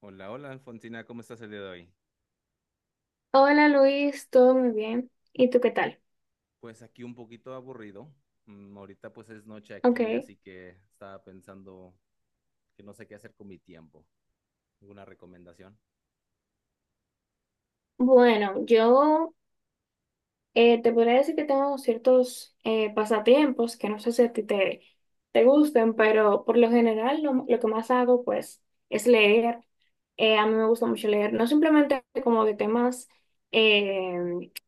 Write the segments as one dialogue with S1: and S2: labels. S1: Hola, hola Alfonsina, ¿cómo estás el día de hoy?
S2: Hola Luis, todo muy bien. ¿Y tú qué tal?
S1: Pues aquí un poquito aburrido. Ahorita pues es noche aquí,
S2: Ok.
S1: así que estaba pensando que no sé qué hacer con mi tiempo. ¿Alguna recomendación?
S2: Bueno, yo te podría decir que tengo ciertos pasatiempos que no sé si a ti te, te gusten, pero por lo general lo que más hago pues es leer. A mí me gusta mucho leer, no simplemente como de temas eh,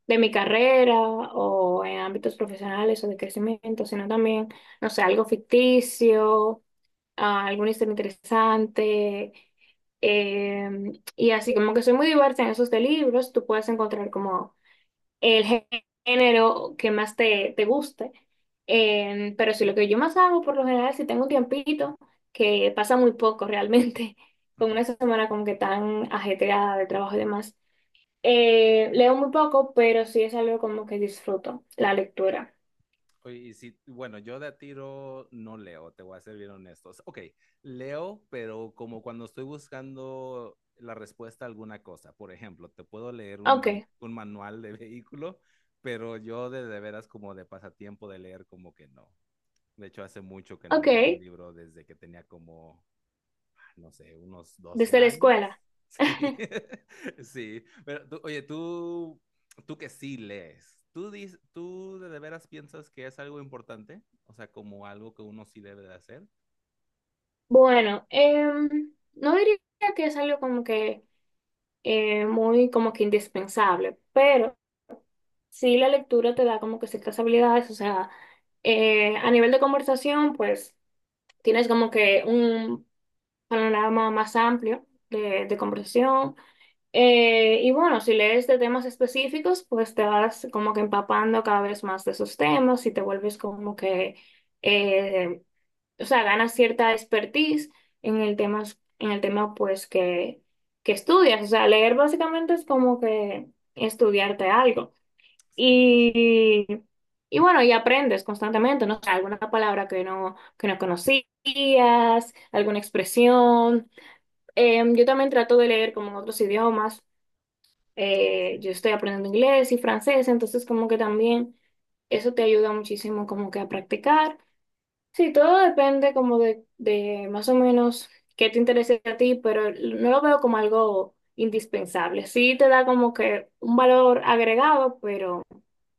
S2: de mi carrera o en ámbitos profesionales o de crecimiento, sino también, no sé, algo ficticio, alguna historia interesante. Eh, y así como que soy muy diversa en esos de libros, tú puedes encontrar como el género que más te, te guste. Pero si lo que yo más hago por lo general, si tengo un tiempito, que pasa muy poco realmente, con
S1: Ujú.
S2: una semana como que tan ajetreada de trabajo y demás, leo muy poco, pero sí es algo como que disfruto, la lectura.
S1: Oye, y si, bueno, yo de a tiro no leo, te voy a ser bien honestos. Ok, leo, pero como cuando estoy buscando la respuesta a alguna cosa. Por ejemplo, te puedo leer
S2: Ok,
S1: un manual de vehículo, pero yo de veras como de pasatiempo de leer como que no. De hecho, hace mucho que no
S2: ok,
S1: leo un libro desde que tenía como, no sé, unos 12
S2: desde la
S1: años.
S2: escuela.
S1: Sí, sí. Oye, tú que sí lees, ¿tú de veras piensas que es algo importante? O sea, como algo que uno sí debe de hacer.
S2: Bueno, no diría que es algo como que muy como que indispensable, pero sí la lectura te da como que ciertas habilidades, o sea, a nivel de conversación, pues tienes como que un panorama más amplio de conversación. Y bueno, si lees de temas específicos, pues te vas como que empapando cada vez más de esos temas y te vuelves como que... eh, o sea, ganas cierta expertise en el tema, en el tema pues que estudias. O sea, leer básicamente es como que estudiarte algo.
S1: Sí, sí, sí.
S2: Y, y bueno, y aprendes constantemente, ¿no? O sea, alguna palabra que no conocías, alguna expresión. Yo también trato de leer como en otros idiomas.
S1: Oh, sí.
S2: Yo estoy aprendiendo inglés y francés, entonces como que también eso te ayuda muchísimo como que a practicar. Sí, todo depende como de más o menos qué te interese a ti, pero no lo veo como algo indispensable. Sí te da como que un valor agregado, pero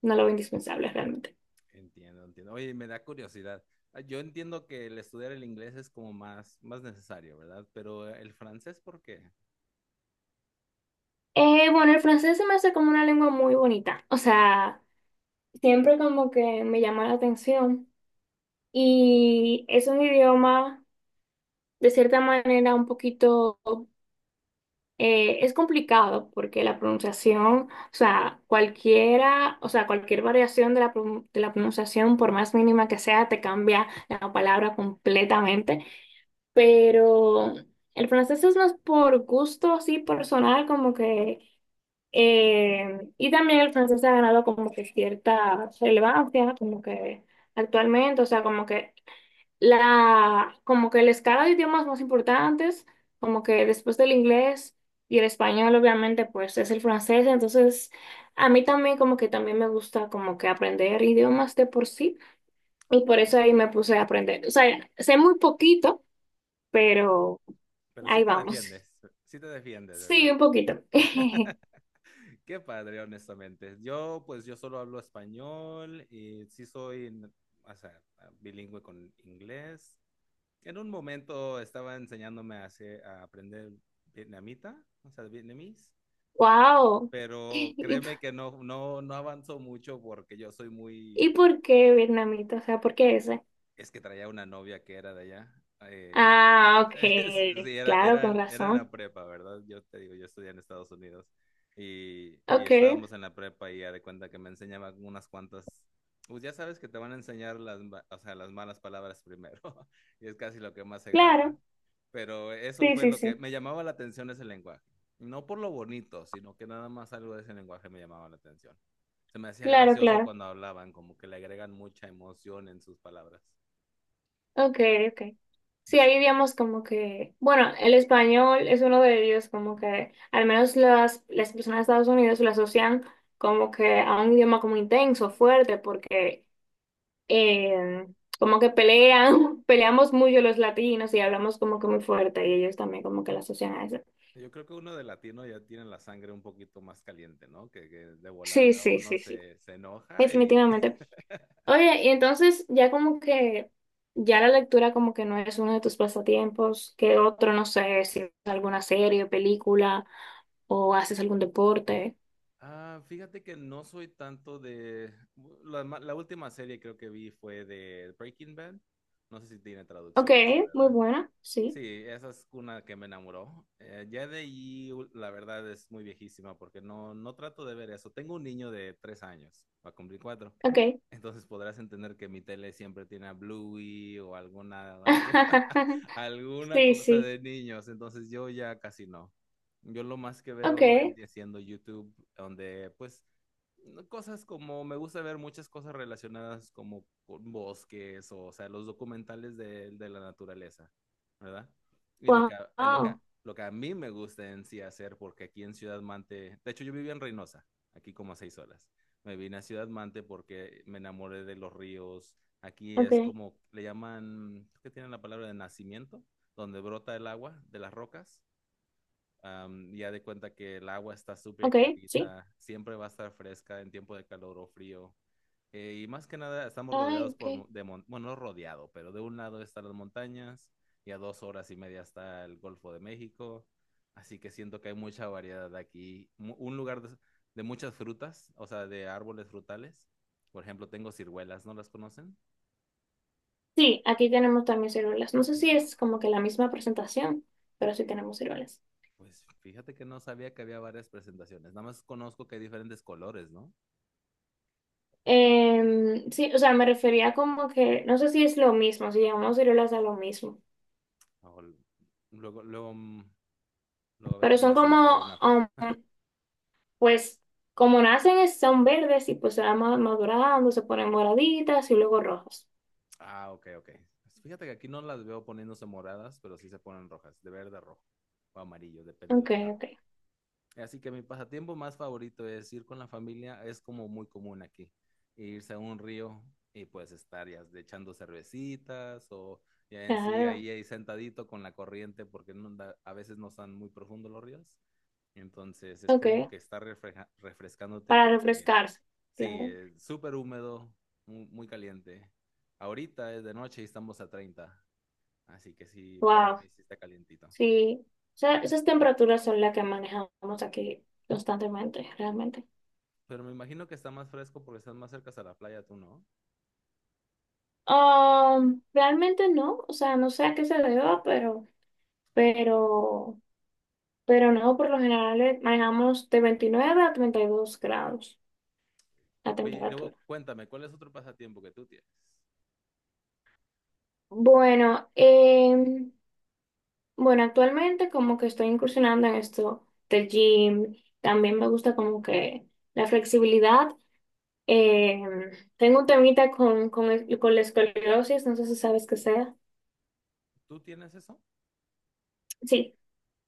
S2: no lo veo indispensable realmente.
S1: Entiendo, entiendo. Oye, me da curiosidad. Ah, yo entiendo que el estudiar el inglés es como más necesario, ¿verdad? Pero el francés, ¿por qué?
S2: Bueno, el francés se me hace como una lengua muy bonita, o sea, siempre como que me llama la atención y es un idioma de cierta manera un poquito... Es complicado porque la pronunciación, o sea, cualquiera, o sea, cualquier variación de la, de la pronunciación, por más mínima que sea, te cambia la palabra completamente. Pero el francés es más por gusto, así personal, como que, y también el francés ha ganado como que cierta relevancia, como que actualmente, o sea, como que la escala de idiomas más importantes, como que después del inglés y el español, obviamente, pues es el francés. Entonces, a mí también como que también me gusta como que aprender idiomas de por sí. Y por eso ahí me puse a aprender. O sea, sé muy poquito, pero
S1: Pero
S2: ahí vamos.
S1: sí te defiendes,
S2: Sí,
S1: ¿verdad?
S2: un poquito.
S1: Qué padre, honestamente. Yo, pues, yo solo hablo español y sí soy, o sea, bilingüe con inglés. En un momento estaba enseñándome a aprender vietnamita, o sea, vietnamís,
S2: Wow.
S1: pero
S2: ¿Y,
S1: créeme que no avanzó mucho porque yo soy
S2: y
S1: muy,
S2: por qué vietnamita? O sea, ¿por qué ese?
S1: es que traía una novia que era de allá.
S2: Ah, ok.
S1: Sí, era,
S2: Claro, con
S1: eran la
S2: razón.
S1: prepa, ¿verdad? Yo te digo, yo estudié en Estados Unidos y
S2: Ok,
S1: estábamos en la prepa y ya de cuenta que me enseñaban unas cuantas, pues ya sabes que te van a enseñar o sea, las malas palabras primero y es casi lo que más se graba.
S2: claro.
S1: Pero eso
S2: Sí,
S1: fue
S2: sí,
S1: lo que
S2: sí.
S1: me llamaba la atención ese lenguaje. No por lo bonito, sino que nada más algo de ese lenguaje me llamaba la atención. Se me hacía
S2: Claro,
S1: gracioso
S2: claro.
S1: cuando hablaban, como que le agregan mucha emoción en sus palabras.
S2: Ok, ok. Sí, ahí
S1: Sí.
S2: digamos como que, bueno, el español es uno de ellos, como que al menos las personas de Estados Unidos lo asocian como que a un idioma como intenso, fuerte, porque eh, como que pelean, peleamos mucho los latinos y hablamos como que muy fuerte y ellos también como que lo asocian a eso.
S1: Yo creo que uno de latino ya tiene la sangre un poquito más caliente, ¿no? Que de
S2: Sí,
S1: volada
S2: sí,
S1: uno
S2: sí, sí.
S1: se enoja y...
S2: Definitivamente. Oye, y entonces ya como que ya la lectura como que no es uno de tus pasatiempos, ¿qué otro, no sé, si es alguna serie o película o haces algún deporte?
S1: Ah, fíjate que no soy tanto de... La última serie creo que vi fue de Breaking Bad. No sé si tiene
S2: Ok,
S1: traducción esa,
S2: muy
S1: ¿verdad?
S2: buena, sí,
S1: Sí, esa es una que me enamoró. Ya de ahí, la verdad, es muy viejísima porque no trato de ver eso. Tengo un niño de 3 años, va a cumplir cuatro.
S2: ok.
S1: Entonces podrás entender que mi tele siempre tiene a Bluey o alguna, alguna
S2: Sí,
S1: cosa
S2: sí,
S1: de niños. Entonces yo ya casi no. Yo lo más que
S2: ok,
S1: veo vendría siendo YouTube, donde pues cosas como me gusta ver muchas cosas relacionadas como con bosques o sea, los documentales de la naturaleza. ¿Verdad? Y
S2: wow,
S1: lo que a mí me gusta en sí hacer, porque aquí en Ciudad Mante, de hecho yo vivía en Reynosa, aquí como a 6 horas. Me vine a Ciudad Mante porque me enamoré de los ríos. Aquí
S2: ok,
S1: es como, le llaman, ¿qué tienen la palabra de nacimiento? Donde brota el agua de las rocas. Ya de cuenta que el agua está súper
S2: ok, sí,
S1: clarita, siempre va a estar fresca en tiempo de calor o frío. Y más que nada estamos
S2: ay,
S1: rodeados
S2: ok.
S1: por, mo- de mon- bueno, no rodeado, pero de un lado están las montañas y a 2 horas y media está el Golfo de México. Así que siento que hay mucha variedad aquí. Un lugar de muchas frutas, o sea, de árboles frutales. Por ejemplo, tengo ciruelas, ¿no las conocen?
S2: Sí, aquí tenemos también ciruelas. No sé si es
S1: Baba.
S2: como que la misma presentación, pero sí tenemos ciruelas.
S1: Pues fíjate que no sabía que había varias presentaciones. Nada más conozco que hay diferentes colores, ¿no?
S2: Sí, o sea, me refería como que, no sé si es lo mismo, si llamamos ciruelas a lo mismo,
S1: O l- Luego, luego, luego a ver
S2: pero
S1: cómo la
S2: son
S1: hacemos para
S2: como,
S1: ver una foto.
S2: pues, como nacen son verdes y pues se van madurando, se ponen moraditas y luego rojas.
S1: Ah, ok, ok. Pues fíjate que aquí no las veo poniéndose moradas, pero sí se ponen rojas, de verde a rojo o amarillo, depende de la
S2: Ok,
S1: la
S2: ok,
S1: Así que mi pasatiempo más favorito es ir con la familia, es como muy común aquí, irse a un río y pues estar ya de echando cervecitas o ya en sí
S2: claro,
S1: ahí, sentadito con la corriente porque a veces no están muy profundos los ríos. Entonces es
S2: ok,
S1: como que estar refrescándote
S2: para
S1: porque.
S2: refrescarse,
S1: Sí,
S2: claro.
S1: súper húmedo, muy caliente. Ahorita es de noche y estamos a 30, así que sí, para
S2: Wow,
S1: mí sí está calientito.
S2: sí, o sea, esas temperaturas son las que manejamos aquí constantemente, realmente.
S1: Pero me imagino que está más fresco porque estás más cerca a la playa, tú, ¿no?
S2: Realmente no, o sea, no sé a qué se deba, pero... Pero no, por lo general manejamos de 29 a 32 grados la
S1: Oye, y luego
S2: temperatura.
S1: cuéntame, ¿cuál es otro pasatiempo que tú tienes?
S2: Bueno, bueno, actualmente como que estoy incursionando en esto del gym. También me gusta como que la flexibilidad. Em, Tengo un temita con, con la escoliosis, no sé si sabes qué sea.
S1: ¿Tú tienes eso?
S2: Sí,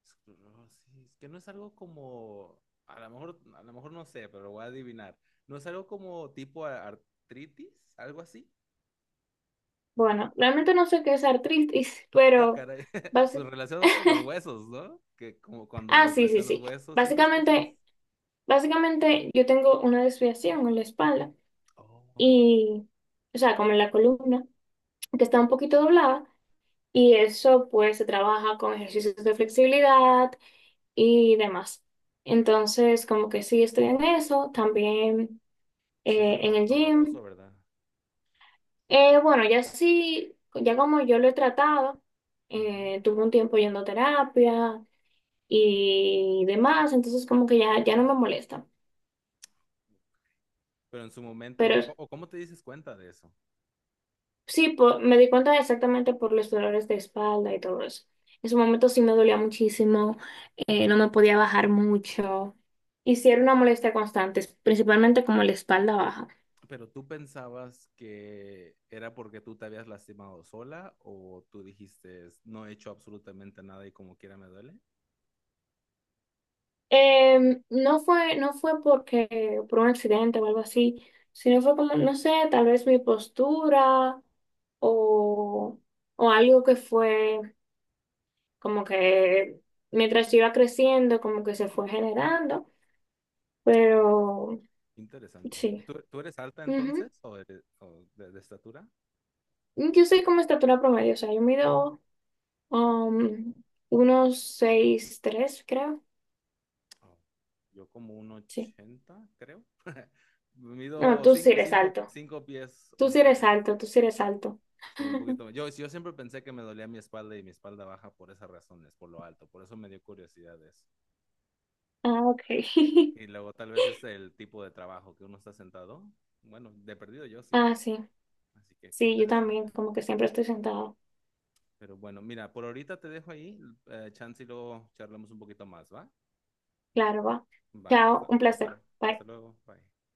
S1: Esclerosis, que no es algo como, a lo mejor no sé, pero lo voy a adivinar. ¿No es algo como tipo artritis? ¿Algo así?
S2: bueno, realmente no sé qué es artritis,
S1: Ah,
S2: pero
S1: caray. Pues
S2: básicamente...
S1: relacionado con los huesos, ¿no? Que como cuando
S2: Ah,
S1: les
S2: sí, sí,
S1: duelen los
S2: sí.
S1: huesos y esas cosas.
S2: Básicamente, básicamente yo tengo una desviación en la espalda
S1: Oh,
S2: y, o sea, como en la columna, que está un poquito doblada, y eso pues se trabaja con ejercicios de flexibilidad y demás. Entonces, como que sí estoy en eso, también
S1: eso es
S2: en el
S1: doloroso,
S2: gym.
S1: ¿verdad?
S2: Bueno, ya sí, ya como yo lo he tratado,
S1: Ujú.
S2: tuve un tiempo yendo a terapia y demás, entonces como que ya, ya no me molesta.
S1: Pero en su momento,
S2: Pero
S1: ¿O cómo te dices cuenta de eso?
S2: sí, me di cuenta exactamente por los dolores de espalda y todo eso. En su momento sí me dolía muchísimo, no me podía bajar mucho. Y sí era una molestia constante, principalmente como la espalda baja.
S1: ¿Pero tú pensabas que era porque tú te habías lastimado sola o tú dijiste, no he hecho absolutamente nada y como quiera me duele?
S2: No fue, no fue porque, por un accidente o algo así, sino fue como, no sé, tal vez mi postura o, o algo que fue como que mientras yo iba creciendo, como que se fue generando, pero
S1: Interesante.
S2: sí.
S1: ¿Tú eres alta entonces o, o de estatura?
S2: Yo soy como estatura promedio, o sea, yo mido um, unos 6.3 creo.
S1: Oh, yo como un
S2: Sí.
S1: 80, creo.
S2: No,
S1: Mido
S2: tú sí eres alto.
S1: 5 pies
S2: Tú sí
S1: 11.
S2: eres alto, tú sí eres alto.
S1: Sí, un poquito. Yo siempre pensé que me dolía mi espalda y mi espalda baja por esas razones, por lo alto. Por eso me dio curiosidad eso.
S2: Ah, ok.
S1: Y luego tal vez es el tipo de trabajo que uno está sentado. Bueno, de perdido yo sí.
S2: Ah, sí.
S1: Así que qué
S2: Sí, yo
S1: interesante.
S2: también, como que siempre estoy sentada.
S1: Pero bueno, mira, por ahorita te dejo ahí. Chance y luego charlamos un poquito más, ¿va?
S2: Claro, va.
S1: Va.
S2: Chao, un placer.
S1: Hasta
S2: Bye.
S1: luego. Bye.